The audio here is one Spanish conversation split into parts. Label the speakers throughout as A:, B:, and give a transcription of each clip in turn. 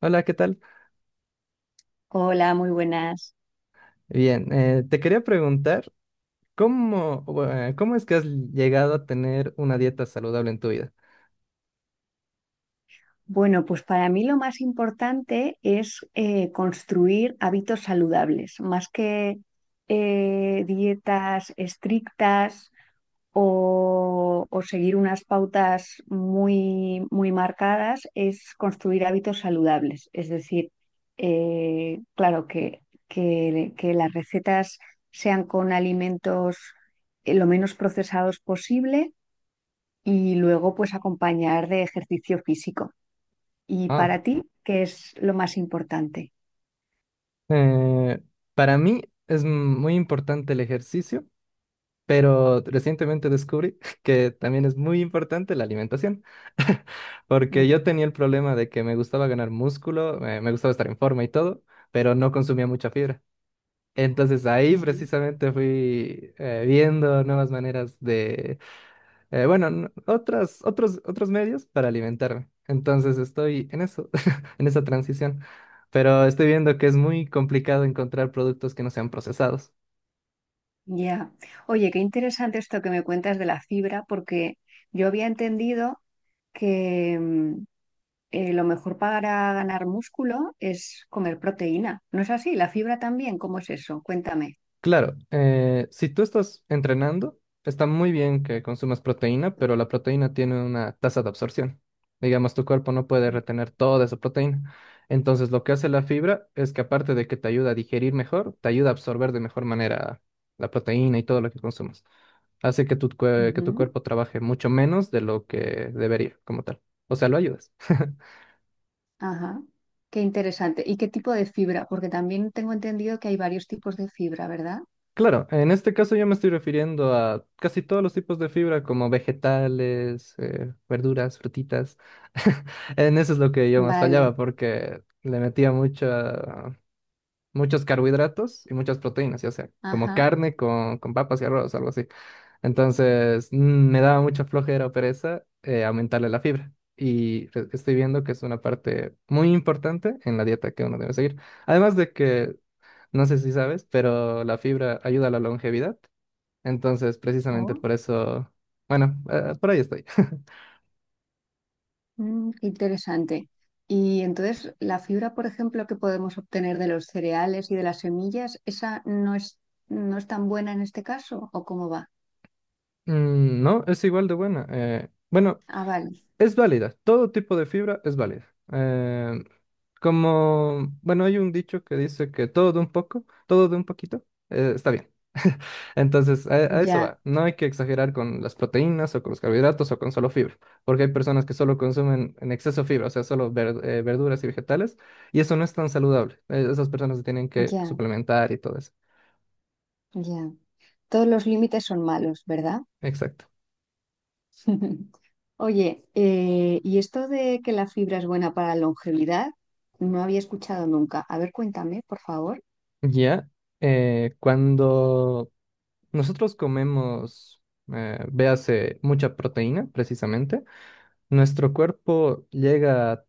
A: Hola, ¿qué tal?
B: Hola, muy buenas.
A: Bien, te quería preguntar, ¿cómo, cómo es que has llegado a tener una dieta saludable en tu vida?
B: Bueno, pues para mí lo más importante es construir hábitos saludables, más que dietas estrictas o seguir unas pautas muy, muy marcadas, es construir hábitos saludables. Es decir, claro, que las recetas sean con alimentos lo menos procesados posible y luego pues acompañar de ejercicio físico. ¿Y
A: Ah,
B: para ti qué es lo más importante?
A: eh, para mí es muy importante el ejercicio, pero recientemente descubrí que también es muy importante la alimentación, porque
B: Ujú.
A: yo tenía el problema de que me gustaba ganar músculo, me gustaba estar en forma y todo, pero no consumía mucha fibra. Entonces ahí
B: Ujú.
A: precisamente fui viendo nuevas maneras otros medios para alimentarme. Entonces estoy en eso, en esa transición. Pero estoy viendo que es muy complicado encontrar productos que no sean procesados.
B: Ya. Oye, qué interesante esto que me cuentas de la fibra, porque yo había entendido que lo mejor para ganar músculo es comer proteína. ¿No es así? ¿La fibra también? ¿Cómo es eso? Cuéntame.
A: Claro, si tú estás entrenando, está muy bien que consumas proteína, pero la proteína tiene una tasa de absorción. Digamos, tu cuerpo no puede retener toda esa proteína. Entonces, lo que hace la fibra es que aparte de que te ayuda a digerir mejor, te ayuda a absorber de mejor manera la proteína y todo lo que consumas. Hace que tu
B: Ujú.
A: cuerpo trabaje mucho menos de lo que debería, como tal. O sea, lo ayudas.
B: Ajá. Qué interesante. ¿Y qué tipo de fibra? Porque también tengo entendido que hay varios tipos de fibra, ¿verdad?
A: Claro, en este caso yo me estoy refiriendo a casi todos los tipos de fibra, como vegetales, verduras, frutitas. En eso es lo que yo más
B: Vale.
A: fallaba, porque le metía muchos carbohidratos y muchas proteínas, ya sea como
B: Ajá.
A: carne con papas y arroz, algo así. Entonces, me daba mucha flojera o pereza aumentarle la fibra. Estoy viendo que es una parte muy importante en la dieta que uno debe seguir. Además de que no sé si sabes, pero la fibra ayuda a la longevidad. Entonces, precisamente
B: Oh.
A: por eso, bueno, por ahí estoy.
B: Qué interesante. Y entonces, la fibra, por ejemplo, que podemos obtener de los cereales y de las semillas, ¿esa no es tan buena en este caso? ¿O cómo va?
A: Mm, no, es igual de buena. Bueno,
B: Ah, vale.
A: es válida. Todo tipo de fibra es válida. Eh, Como, bueno, hay un dicho que dice que todo de un poco, todo de un poquito, está bien. Entonces, a eso
B: Ya,
A: va. No hay que exagerar con las proteínas o con los carbohidratos o con solo fibra, porque hay personas que solo consumen en exceso fibra, o sea, solo verduras y vegetales, y eso no es tan saludable. Esas personas se tienen que
B: ya,
A: suplementar y todo eso.
B: ya. Todos los límites son malos, ¿verdad?
A: Exacto.
B: Oye, ¿y esto de que la fibra es buena para la longevidad? No había escuchado nunca. A ver, cuéntame, por favor.
A: Ya, cuando nosotros comemos, véase, mucha proteína, precisamente, nuestro cuerpo llega,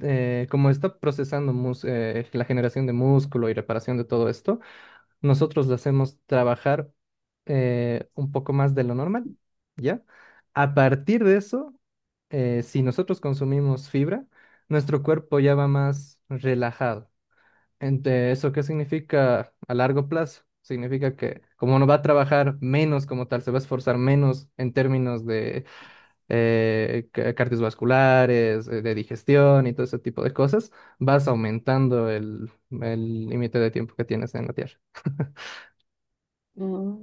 A: como está procesando la generación de músculo y reparación de todo esto, nosotros lo hacemos trabajar un poco más de lo normal, ¿ya? A partir de eso, si nosotros consumimos fibra, nuestro cuerpo ya va más relajado. ¿Eso qué significa a largo plazo? Significa que como no va a trabajar menos como tal, se va a esforzar menos en términos de cardiovasculares, de digestión y todo ese tipo de cosas, vas aumentando el límite de tiempo que tienes en la Tierra.
B: Mm.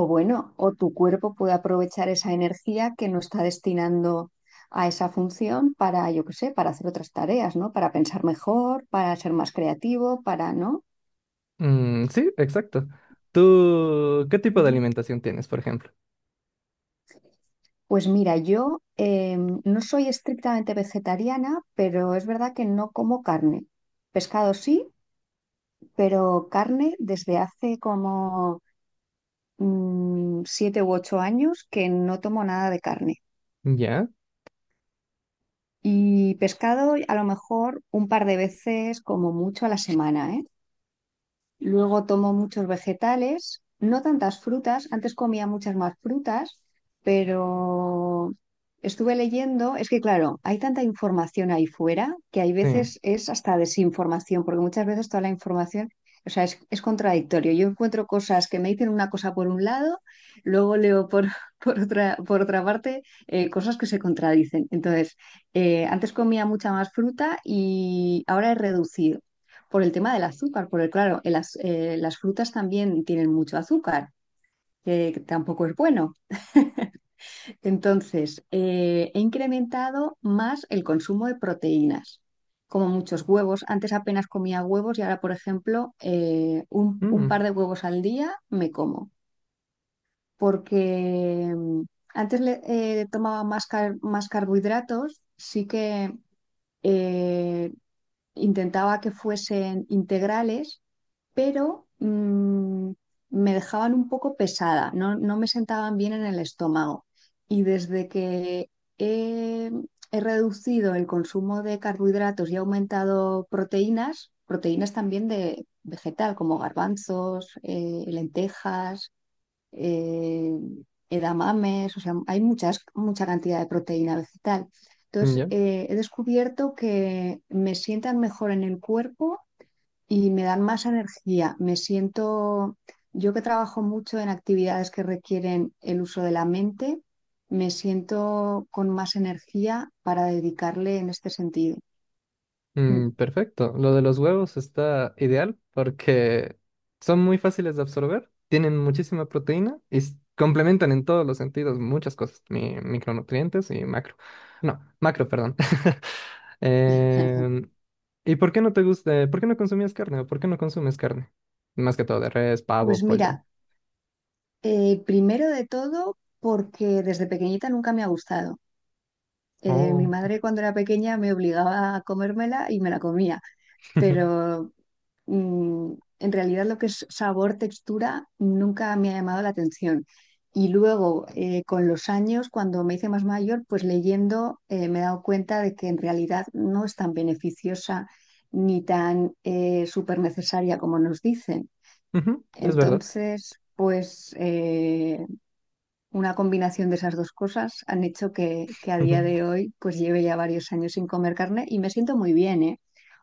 B: O bueno, o tu cuerpo puede aprovechar esa energía que no está destinando a esa función para, yo qué sé, para hacer otras tareas, ¿no? Para pensar mejor, para ser más creativo, para, ¿no?
A: Mm, sí, exacto. ¿Tú qué tipo de
B: Mm.
A: alimentación tienes, por ejemplo?
B: Pues mira, yo no soy estrictamente vegetariana, pero es verdad que no como carne. Pescado sí, pero carne desde hace como 7 u 8 años que no tomo nada de carne.
A: Ya,
B: Y pescado a lo mejor un par de veces como mucho a la semana, ¿eh? Luego tomo muchos vegetales, no tantas frutas, antes comía muchas más frutas, pero estuve leyendo, es que claro, hay tanta información ahí fuera que hay
A: sí.
B: veces es hasta desinformación, porque muchas veces toda la información, o sea, es contradictorio. Yo encuentro cosas que me dicen una cosa por un lado, luego leo por, por otra parte cosas que se contradicen. Entonces, antes comía mucha más fruta y ahora he reducido por el tema del azúcar, porque claro, las frutas también tienen mucho azúcar, que tampoco es bueno. Entonces, he incrementado más el consumo de proteínas, como muchos huevos. Antes apenas comía huevos y ahora, por ejemplo, un
A: Mm,
B: par de huevos al día me como, porque antes tomaba más carbohidratos, sí que... eh, intentaba que fuesen integrales, pero me dejaban un poco pesada, no, no me sentaban bien en el estómago. Y desde que he, he reducido el consumo de carbohidratos y he aumentado proteínas, proteínas también de vegetal, como garbanzos, lentejas, eh, edamames, o sea, hay muchas, mucha cantidad de proteína vegetal. Entonces,
A: ya.
B: he descubierto que me sientan mejor en el cuerpo y me dan más energía. Me siento, yo que trabajo mucho en actividades que requieren el uso de la mente, me siento con más energía para dedicarle en este sentido. Mm.
A: Mm, perfecto. Lo de los huevos está ideal porque son muy fáciles de absorber, tienen muchísima proteína y complementan en todos los sentidos muchas cosas, micronutrientes y macro. No, macro, perdón. Em, ¿Y por qué no te gusta, por qué no consumías carne o por qué no consumes carne? Más que todo de res,
B: Pues
A: pavo,
B: mira,
A: pollo.
B: primero de todo, porque desde pequeñita nunca me ha gustado. Mi
A: Oh.
B: madre cuando era pequeña me obligaba a comérmela y me la comía, pero mm, en realidad lo que es sabor, textura, nunca me ha llamado la atención. Y luego, con los años, cuando me hice más mayor, pues leyendo me he dado cuenta de que en realidad no es tan beneficiosa ni tan súper necesaria como nos dicen.
A: Ujú, es verdad.
B: Entonces, pues una combinación de esas dos cosas han hecho que a
A: Ujú,
B: día de hoy pues lleve ya varios años sin comer carne y me siento muy bien, ¿eh?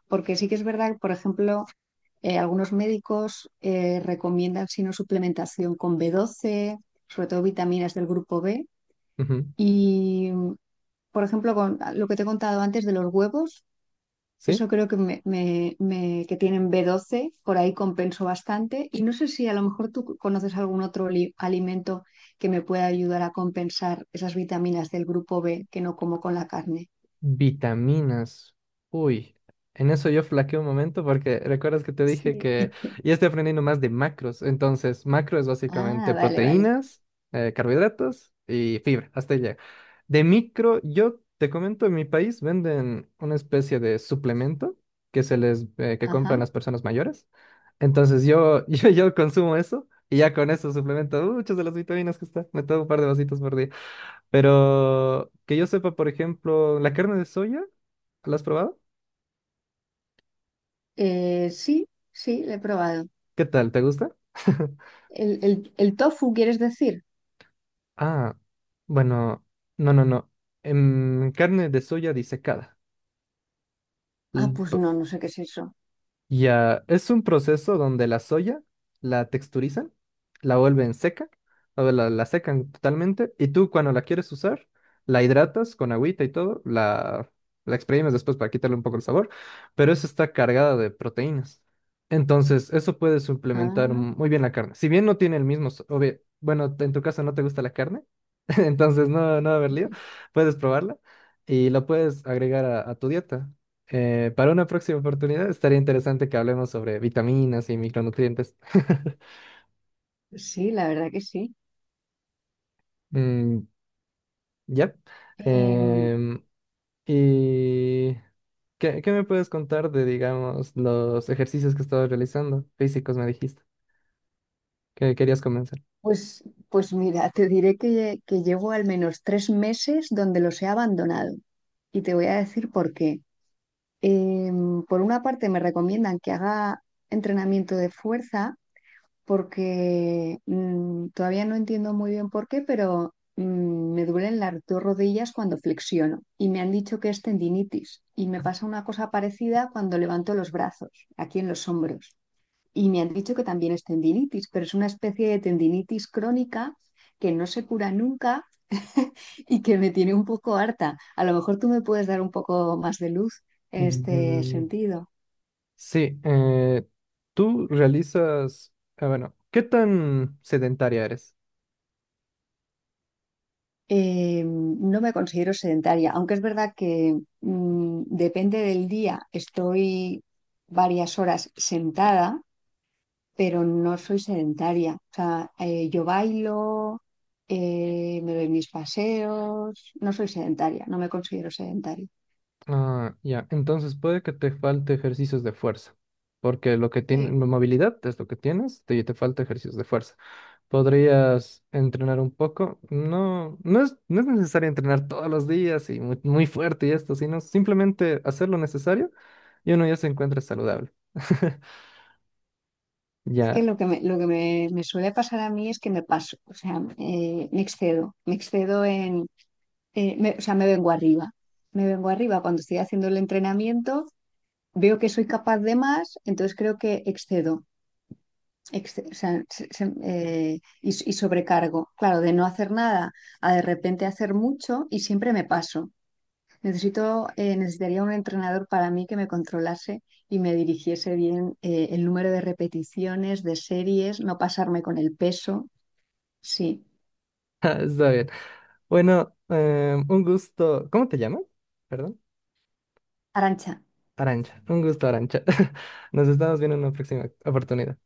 B: Porque sí que es verdad que, por ejemplo, algunos médicos recomiendan sino suplementación con B12 sobre todo vitaminas del grupo B.
A: ujú,
B: Y, por ejemplo, con lo que te he contado antes de los huevos, eso
A: ¿sí?
B: creo que, me- me- que tienen B12, por ahí compenso bastante. Y no sé si a lo mejor tú conoces algún otro alimento que me pueda ayudar a compensar esas vitaminas del grupo B que no como con la carne.
A: Vitaminas. Uy, en eso yo flaqueé un momento porque recuerdas que te dije
B: Sí.
A: que ya estoy aprendiendo más de macros. Entonces, macro es
B: Ah,
A: básicamente
B: vale, vale.
A: proteínas, carbohidratos y fibra. Hasta ahí llega. De micro, yo te comento, en mi país venden una especie de suplemento que se les que compran
B: Ajá.
A: las personas mayores. Entonces yo, yo consumo eso y ya con eso suplemento muchas de las vitaminas que está. Me tomo un par de vasitos por día. Pero que yo sepa, por ejemplo, la carne de soya, ¿la has probado?
B: Sí, sí, lo he probado.
A: ¿Qué tal? ¿Te gusta?
B: ¿El tofu, quieres decir?
A: Ah, bueno, no. En carne de soya disecada.
B: Ah,
A: L-
B: pues
A: p-
B: no, no sé qué es eso.
A: Ya, es un proceso donde la soya la texturizan, la vuelven seca, o la secan totalmente, y tú cuando la quieres usar, la hidratas con agüita y todo, la exprimes después para quitarle un poco el sabor, pero eso está cargada de proteínas. Entonces, eso puede suplementar
B: Ah,
A: muy bien la carne. Si bien no tiene el mismo, obvio, bueno, en tu caso no te gusta la carne, entonces no va a haber lío, puedes probarla y la puedes agregar a tu dieta. Para una próxima oportunidad estaría interesante que hablemos sobre vitaminas y micronutrientes.
B: sí, la verdad que sí.
A: Mm, ya.
B: Eh,
A: Em, ¿Y qué me puedes contar de, digamos, los ejercicios que estabas realizando? Físicos, me dijiste, que querías comenzar.
B: Pues, pues mira, te diré que llevo al menos 3 meses donde los he abandonado y te voy a decir por qué. Por una parte me recomiendan que haga entrenamiento de fuerza porque todavía no entiendo muy bien por qué, pero me duelen las dos rodillas cuando flexiono y me han dicho que es tendinitis y me pasa una cosa parecida cuando levanto los brazos, aquí en los hombros. Y me han dicho que también es tendinitis, pero es una especie de tendinitis crónica que no se cura nunca y que me tiene un poco harta. A lo mejor tú me puedes dar un poco más de luz en este
A: Mm,
B: sentido.
A: sí, tú realizas, bueno, ¿qué tan sedentaria eres?
B: No me considero sedentaria, aunque es verdad que depende del día, estoy varias horas sentada, pero no soy sedentaria. O sea, yo bailo, me doy mis paseos, no soy sedentaria, no me considero sedentaria.
A: Ah, ya. Entonces puede que te falte ejercicios de fuerza, porque lo que tiene
B: Sí,
A: movilidad es lo que tienes, te falta ejercicios de fuerza. Podrías entrenar un poco. No, no es necesario entrenar todos los días y muy, muy fuerte y esto, sino simplemente hacer lo necesario y uno ya se encuentra saludable.
B: es que
A: Ya,
B: lo que me, me suele pasar a mí es que me paso, o sea, me excedo en, o sea, me vengo arriba cuando estoy haciendo el entrenamiento, veo que soy capaz de más, entonces creo que excedo, o sea, y sobrecargo, claro, de no hacer nada a de repente hacer mucho y siempre me paso. Necesitaría un entrenador para mí que me controlase y me dirigiese bien el número de repeticiones, de series, no pasarme con el peso. Sí.
A: está bien. Bueno, un gusto. ¿Cómo te llamas? Perdón.
B: Arancha,
A: Arancha. Un gusto, Arancha. Nos estamos viendo en una próxima oportunidad.